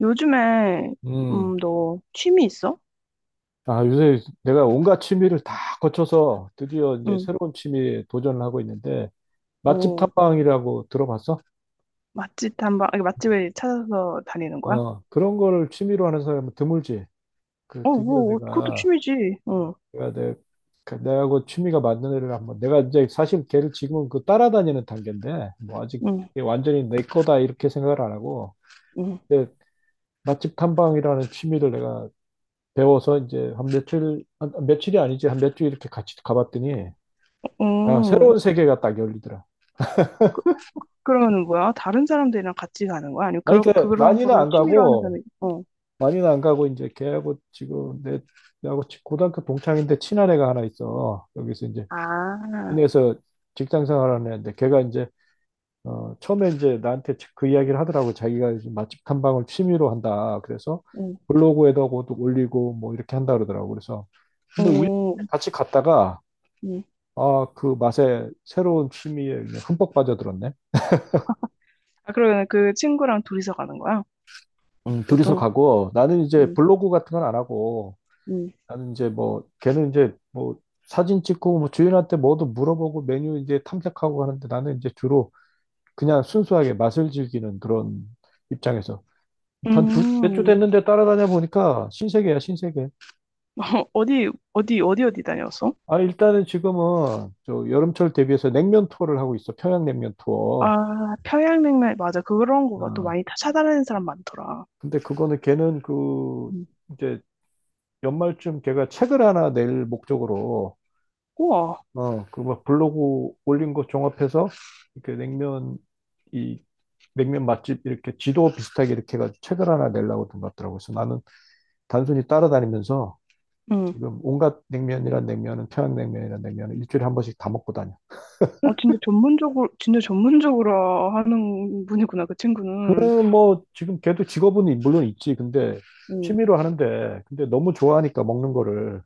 요즘에 음. 너 취미 있어? 아, 요새 내가 온갖 취미를 다 거쳐서 드디어 이제 응. 새로운 취미에 도전을 하고 있는데, 맛집 오, 탐방이라고 들어봤어? 맛집 탐방, 아니, 맛집을 찾아서 다니는 거야? 어, 그런 걸 취미로 하는 사람은 드물지. 그, 어, 드디어 뭐, 그것도 내가, 취미지. 응, 내가, 내, 그 내하고 취미가 맞는 애를 한번, 내가 이제 사실 걔를 지금은 그 따라다니는 단계인데, 뭐 아직 응, 그게 완전히 내 거다 이렇게 생각을 안 하고, 응. 근데 맛집 탐방이라는 취미를 내가 배워서 이제 한 며칠, 며칠이 아니지, 한 몇 주 이렇게 같이 가봤더니, 아, 오, 새로운 세계가 딱 열리더라. 그러면은 뭐야? 다른 사람들이랑 같이 가는 거야? 아니면 아니, 그런 그러니까 그런 많이는 거를 안 취미로 하는 가고, 사람이? 어. 많이는 안 가고, 이제 걔하고 지금 고등학교 동창인데 친한 애가 하나 있어. 여기서 이제, 아, 인해서 직장 생활하는 애인데, 걔가 이제, 어, 처음에 이제 나한테 그 이야기를 하더라고. 자기가 이제 맛집 탐방을 취미로 한다. 그래서 응, 블로그에다 그것도 올리고 뭐 이렇게 한다 그러더라고. 그래서, 근데 우연히 오, 같이 갔다가, 응. 아, 그 맛에 새로운 취미에 그냥 흠뻑 빠져들었네. 아, 그러면 그 친구랑 둘이서 가는 거야? 둘이서 보통? 가고 나는 이제 응, 블로그 같은 건 안 하고 응. 나는 이제 뭐 걔는 이제 뭐 사진 찍고 뭐 주인한테 뭐도 물어보고 메뉴 이제 탐색하고 하는데 나는 이제 주로 그냥 순수하게 맛을 즐기는 그런 입장에서 한두몇주 음, 됐는데 따라다녀 보니까 신세계야 신세계. 어디 어디 어디 어디 다녔어? 아, 일단은 지금은 저 여름철 대비해서 냉면 투어를 하고 있어. 평양냉면 투어. 아, 평양냉면, 맞아. 그런 거 또 어. 많이 찾아다니는 사람 많더라. 근데 그거는 걔는 그 음. 이제 연말쯤 걔가 책을 하나 낼 목적으로 우와, 어그 막 블로그 올린 거 종합해서 이렇게 냉면 이 냉면 맛집 이렇게 지도 비슷하게 이렇게 해가지고 책을 하나 내려고 든 것 같더라고요. 그래서 나는 단순히 따라다니면서 응. 지금 온갖 냉면이란 냉면은 평양냉면이란 냉면은 일주일에 한 번씩 다 먹고 다녀. 어, 진짜 전문적으로, 진짜 전문적으로 하는 분이구나, 그 그 친구는. 뭐 지금 걔도 직업은 물론 있지. 근데 응, 취미로 하는데 근데 너무 좋아하니까 먹는 거를.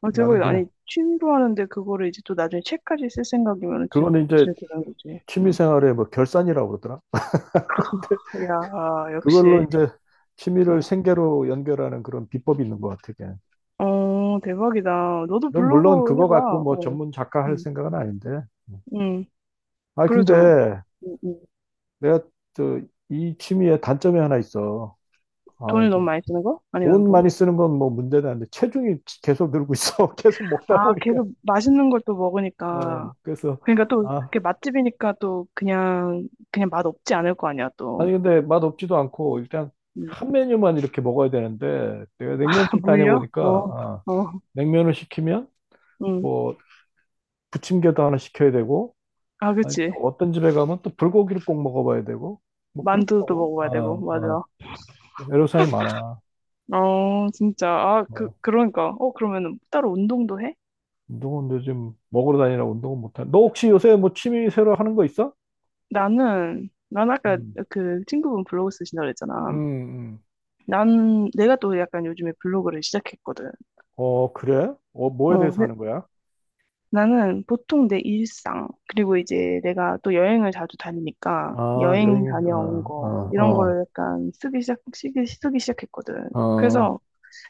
아, 나는 대박이다. 아니, 그냥 취미로 하는데 그거를 이제 또 나중에 책까지 쓸 생각이면 진짜, 그거는 이제 진짜 대단한 거지. 취미 응. 생활의 뭐 결산이라고 그러더라. 근데 야, 그걸로 역시. 이제 취미를 응, 생계로 연결하는 그런 비법이 있는 것 같아, 걔. 어, 대박이다. 너도 물론 블로그 그거 해봐. 갖고 뭐 어, 전문 작가 할 음. 생각은 아닌데. 응. 응. 아, 그래도, 근데 응, 응. 내가 저, 이 취미의 단점이 하나 있어. 아, 돈을 너무 이게 많이 쓰는 거? 아니면 돈 뭐? 많이 쓰는 건 뭐 문제는 안 돼. 체중이 계속 늘고 있어. 계속 먹다 아, 보니까. 계속 맛있는 걸 또 먹으니까. 어, 그래서, 그러니까 또 아, 그게 맛집이니까 또 그냥 그냥 맛 없지 않을 거 아니야 아니, 또. 근데 맛없지도 않고, 일단 음. 한 메뉴만 이렇게 먹어야 되는데, 내가 냉면집 물려? 다녀보니까, 어, 아, 어, 냉면을 시키면, 응. 뭐, 부침개도 하나 시켜야 되고, 아, 아니, 그치. 또 어떤 집에 가면 또 불고기를 꼭 먹어봐야 되고, 뭐, 만두도 그렇더라고. 먹어야 되고, 아, 아, 맞아. 애로사항이 많아. 어, 진짜. 아, 그, 어. 그러니까. 어, 그러면은 따로 운동도 해? 운동은 요즘 먹으러 다니라 운동은 못하. 너 혹시 요새 뭐 취미 새로 하는 거 있어? 난 아까 음. 그 친구분 블로그 쓰신다 음, 그랬잖아. 음. 내가 또 약간 요즘에 블로그를 시작했거든. 어, 그래? 어, 뭐에 어, 대해서 하는 거야? 나는 보통 내 일상, 그리고 이제 내가 또 여행을 자주 다니니까 아, 여행 여행에, 다녀온 어, 거, 이런 어, 거를 약간 쓰기 시작했거든. 어, 어, 그래서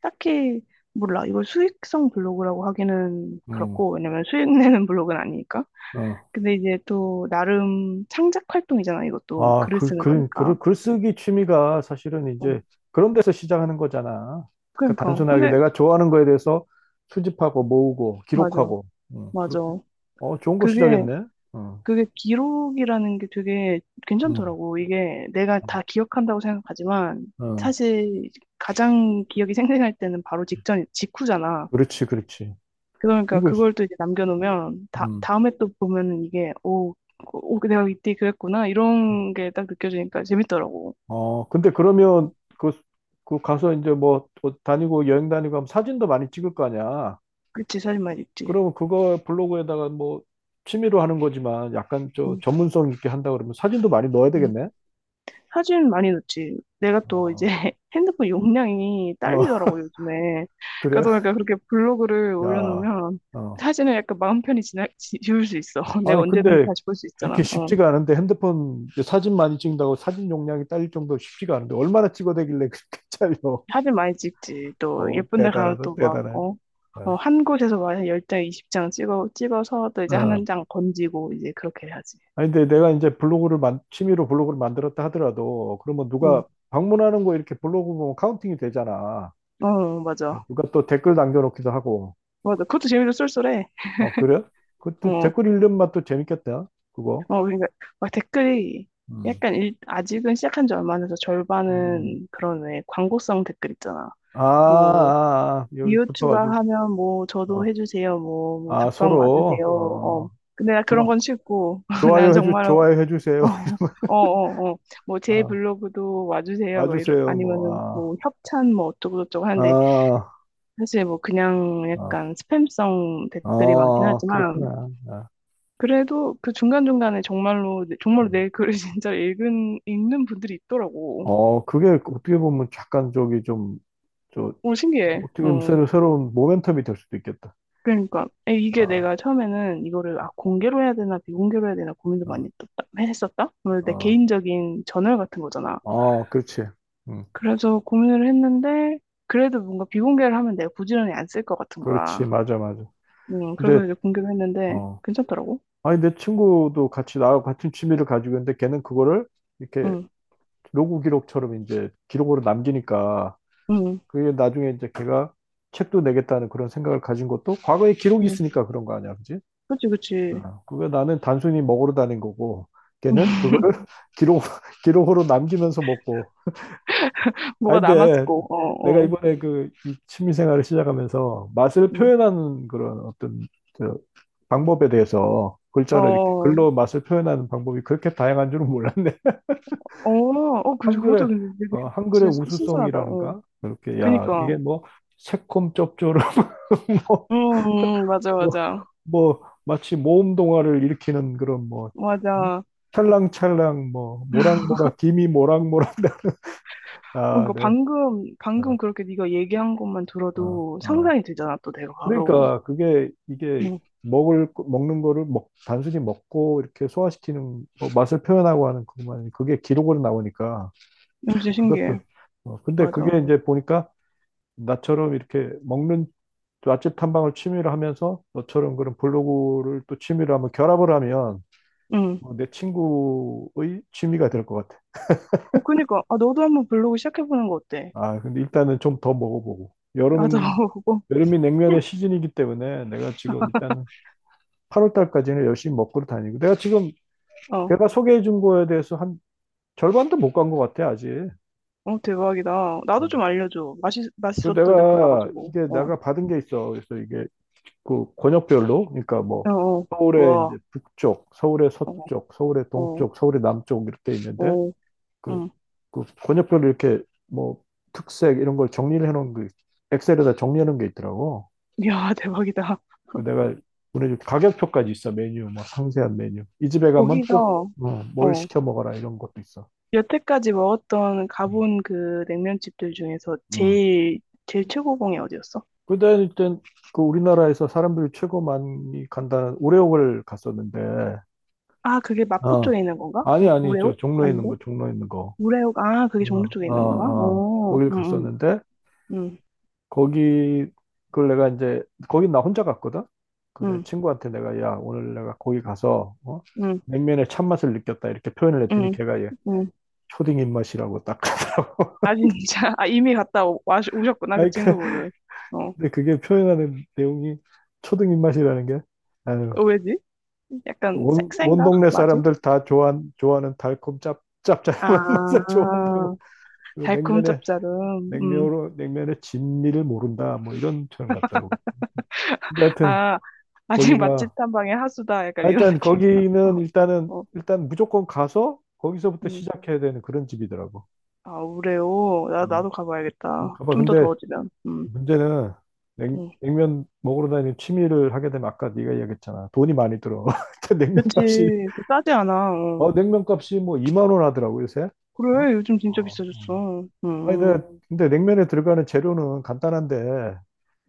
딱히, 몰라. 이걸 수익성 블로그라고 하기는 음, 그렇고, 왜냐면 수익 내는 블로그는 아니니까. 어. 근데 이제 또 나름 창작 활동이잖아, 이것도. 아, 글을 그, 쓰는 글, 거니까. 글, 글쓰기 취미가 사실은 응. 이제 그런 데서 시작하는 거잖아. 그러니까 그러니까. 단순하게 근데, 내가 좋아하는 거에 대해서 수집하고 모으고 맞아. 기록하고. 맞아. 그렇게. 어, 좋은 거 그게 시작했네. 어, 그게 기록이라는 게 되게 음, 괜찮더라고. 이게 내가 음. 다 기억한다고 생각하지만 어, 사실 가장 기억이 생생할 때는 바로 직전, 직후잖아. 그렇지, 그렇지. 그러니까 그리고, 그걸 또 이제 남겨놓으면 다, 음. 다음에 또 보면은 이게 오, 오, 내가 이때 그랬구나. 음. 이런 게 딱 느껴지니까 재밌더라고. 어, 근데 그러면 그, 그 가서 이제 뭐 또 다니고 여행 다니고 하면 사진도 많이 찍을 거 아니야. 그치, 사진만 있지. 그러면 그거 블로그에다가 뭐 취미로 하는 거지만 약간 저 응. 전문성 있게 한다 그러면 사진도 많이 넣어야 응. 되겠네. 사진 많이 넣지. 내가 또 이제 어, 핸드폰 용량이 어, 딸리더라고, 요즘에. 그래? 그러다 보니까 그렇게 블로그를 야, 올려놓으면 어. 사진을 약간 마음 편히 지울 수 있어. 내가 아니, 언제든지 근데 다시 볼 수 그렇게 있잖아. 어. 쉽지가 않은데 핸드폰 이제 사진 많이 찍는다고 사진 용량이 딸릴 정도로 쉽지가 않은데 얼마나 찍어대길래 그렇게 잘려. 사진 많이 찍지. 또 어, 예쁜 데 가면 대단하다, 또 막, 대단해. 어, 어. 어, 한 곳에서 막 10장, 20장 찍어서 또 이제 어. 한 장 건지고 이제 그렇게 해야지. 아니, 근데 내가 이제 블로그를 만, 취미로 블로그를 만들었다 하더라도, 그러면 응. 누가 방문하는 거 이렇게 블로그 보면 카운팅이 되잖아. 어, 맞아. 누가 또 댓글 남겨놓기도 하고. 맞아. 그것도 재미로 쏠쏠해. 어, 그래? 그때 어. 댓글 읽는 맛도 재밌겠다, 그거. 어, 그러니까 막 댓글이 음. 약간 아직은 시작한 지 얼마 안 돼서 음. 절반은 그런 왜 광고성 댓글 있잖아. 아, 뭐 아, 아, 여기 이웃 붙어가지고. 추가하면 뭐 저도 어. 해주세요. 뭐 아, 답방 서로. 와주세요. 어. 어, 근데 나 그런 좋아. 건 싫고 난 좋아요 해주, 정말 어, 좋아요 해주세요. 어, 어, 어. 뭐 제 아, 블로그도 와주세요. 막 와주세요, 뭐. 아니면은 아, 뭐 협찬 뭐 어쩌고저쩌고 하는데 아, 사실 뭐 그냥 아, 약간 스팸성 댓글이 많긴 아, 하지만 그렇구나. 아. 그래도 그 중간중간에 정말로, 정말로 음. 내 글을 진짜 읽는 분들이 있더라고. 어, 그게 어떻게 보면 약간 저기 좀, 저, 오, 신기해. 어떻게 보면 어. 새로운 모멘텀이 될 수도 있겠다. 그러니까. 이게 아, 내가 처음에는 이거를, 아, 공개로 해야 되나, 비공개로 해야 되나 고민을 많이 아, 했었다. 했었다? 오늘 내 아, 개인적인 저널 같은 거잖아. 아, 그렇지. 음, 그래서 고민을 했는데, 그래도 뭔가 비공개를 하면 내가 부지런히 안 쓸 것 같은 거야. 그렇지. 맞아, 맞아. 근데, 그래서 이제 공개를 했는데, 어, 괜찮더라고. 아니, 내 친구도 같이 나하고 같은 취미를 가지고 있는데 걔는 그거를 이렇게 응, 로그 기록처럼 이제 기록으로 남기니까 응, 그게 나중에 이제 걔가 책도 내겠다는 그런 생각을 가진 것도 과거에 기록이 응. 있으니까 그런 거 아니야, 그지? 그치, 그치. 아, 그게 나는 단순히 먹으러 다닌 거고, 걔는 그거를 기록, 기록으로 남기면서 먹고. 아, 뭐가 근데 남았고, 내가 어, 어. 이번에 그 이 취미 생활을 시작하면서 맛을 음. 표현하는 그런 어떤 저 방법에 대해서 글자를 이렇게 어, 글로 맛을 표현하는 방법이 그렇게 다양한 줄은 몰랐네. 어, 어, 그것도 한글의, 근데 되게 어, 한글의 진짜 신선하다. 어. 우수성이라는가? 그렇게, 야, 그니까. 이게 뭐 새콤 쩝조름 맞아, 뭐, 맞아. 뭐, 마치 모험 동화를 일으키는 그런 뭐, 음? 맞아. 어, 찰랑찰랑, 뭐, 모락모락, 김이 모락모락. 아, 그러니까 네. 방금 어, 그렇게 네가 얘기한 것만 어, 들어도 어. 상상이 되잖아, 또 내가 바로. 그러니까 그게, 이게 응. 먹는 거를 단순히 먹고 이렇게 소화시키는, 뭐 맛을 표현하고 하는 그것만, 그게 기록으로 나오니까 이거 진짜 그것도, 신기해. 어, 근데 맞아. 그게 이제 보니까 나처럼 이렇게 먹는 맛집 탐방을 취미로 하면서 너처럼 그런 블로그를 또 취미로 하면 결합을 하면 응. 어, 내 친구의 취미가 될 것 같아. 어, 그니까. 아, 너도 한번 블로그 시작해보는 거 어때? 아, 근데 일단은 좀 더 먹어보고. 나도 여름은, 고 여름이 냉면의 시즌이기 때문에 내가 지금 일단은 8월 달까지는 열심히 먹고 다니고. 내가 지금 어. 걔가 소개해 준 거에 대해서 한 절반도 못 간 것 같아, 아직. 어, 대박이다. 나도 음. 좀 알려줘. 맛있, 그리고 맛있었던데 내가 골라가지고. 이게 어. 내가 받은 게 있어. 그래서 이게 그 권역별로, 그러니까 어, 뭐 어. 서울의 이제 우와. 북쪽, 서울의 어, 서쪽, 서울의 어, 동쪽, 서울의 남쪽 이렇게 있는데 어. 그, 응. 그 권역별로 이렇게 뭐 특색 이런 걸 정리를 해놓은 그 엑셀에다 정리하는 게 있더라고. 이야, 대박이다. 그 내가 보내줄 가격표까지 있어. 메뉴 뭐 상세한 메뉴. 이 집에 가면 거기서, 꼭뭘 어. 시켜 먹어라 이런 것도 있어. 여태까지 먹었던 가본 그 냉면집들 중에서 음. 제일 최고봉이 어디였어? 그때 일단 그 우리나라에서 사람들이 최고 많이 간다는 오레옥을 갔었는데, 아, 그게 마포 어, 쪽에 있는 건가? 아니 우, 아니 저 우레옥? 종로에 있는 아닌데? 거 종로에 있는 거, 우레옥, 아, 그게 종로 어, 쪽에 어, 있는 건가? 어, 어, 거길 응, 갔었는데 응, 거기 그걸 내가 이제 거기 나 혼자 갔거든. 그내 응, 친구한테 내가 야 오늘 내가 거기 가서 어? 응, 응, 냉면의 참맛을 느꼈다 이렇게 표현을 했더니 응. 걔가 얘 응. 초딩 입맛이라고 딱 하더라고. 아, 진짜. 아, 이미 와, 오셨구나, 그 아니 그- 친구분은. 어, 근데 그게 표현하는 내용이 초딩 입맛이라는 게 아유 어, 왜지? 약간 온, 온 섹센가? 동네 맛이? 사람들 다 좋아한, 좋아하는 달콤 짭 짭짤한 아, 맛을 좋아한다고. 그리고 달콤 냉면의 짭짤음. 음. 냉면으로 냉면의 진미를 모른다 뭐 이런 표현 같더라고. 근데 하여튼 아, 아직 맛집 거기가 탐방의 하수다. 약간 이런 일단 느낌인가? 어, 거기는 일단은 어. 일단 무조건 가서 거기서부터 음. 시작해야 되는 그런 집이더라고. 아, 우레오 나, 음. 나도 한번 가봐야겠다. 가봐. 좀 더 근데 더워지면. 문제는 냉, 음. 냉면 먹으러 다니는 취미를 하게 되면 아까 네가 이야기했잖아. 돈이 많이 들어. 근데 냉면 그치. 값이 그 싸지 않아. 어. 어 냉면 값이 뭐 2만 원 하더라고 요새. 어? 그래, 요즘 진짜 어, 비싸졌어. 아니 근데, 근데 냉면에 들어가는 재료는 간단한데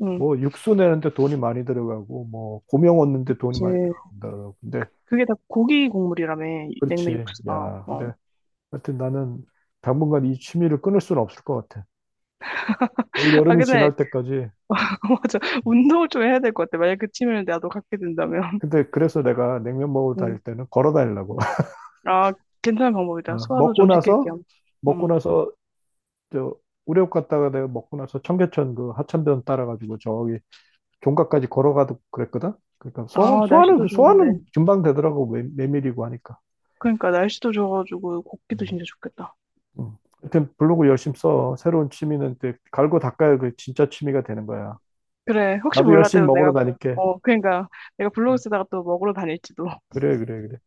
음, 뭐 육수 내는데 돈이 많이 들어가고 뭐 고명 얻는데 돈이 그치. 많이 들어간다. 근데 그게 다 고기 국물이라며, 냉면 그렇지. 육수가. 야 어. 근데 하여튼 나는 당분간 이 취미를 끊을 수는 없을 것 같아. 올 아, 여름이 근데, 지날 때까지. 맞아. 운동을 좀 해야 될 것 같아. 만약 그 취미를 나도 갖게 된다면. 근데 그래서 내가 냉면 먹으러 다닐 음. 때는 걸어 다니려고. 아, 괜찮은 방법이다. 어, 소화도 먹고 좀 시킬 나서, 겸. 먹고 음. 나서, 저, 우레옥 갔다가 내가 먹고 나서 청계천 그 하천변 따라가지고 저기 종각까지 걸어가도 그랬거든? 그러니까 소화, 아, 소화는, 날씨도 그 소화는 좋은데. 금방 되더라고. 메, 메밀이고 하니까. 그러니까, 날씨도 좋아가지고, 걷기도 음. 진짜 좋겠다. 음. 하여튼 블로그 열심히 써. 새로운 취미는 또 갈고 닦아야 그 진짜 취미가 되는 거야. 그래, 혹시 나도 몰라 열심히 도 먹으러 내가, 다닐게. 어, 그러니까 내가 블로그 음. 쓰다가 또 먹으러 다닐지도. 그래, 그래, 그래.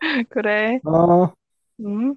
그래, 아. 음.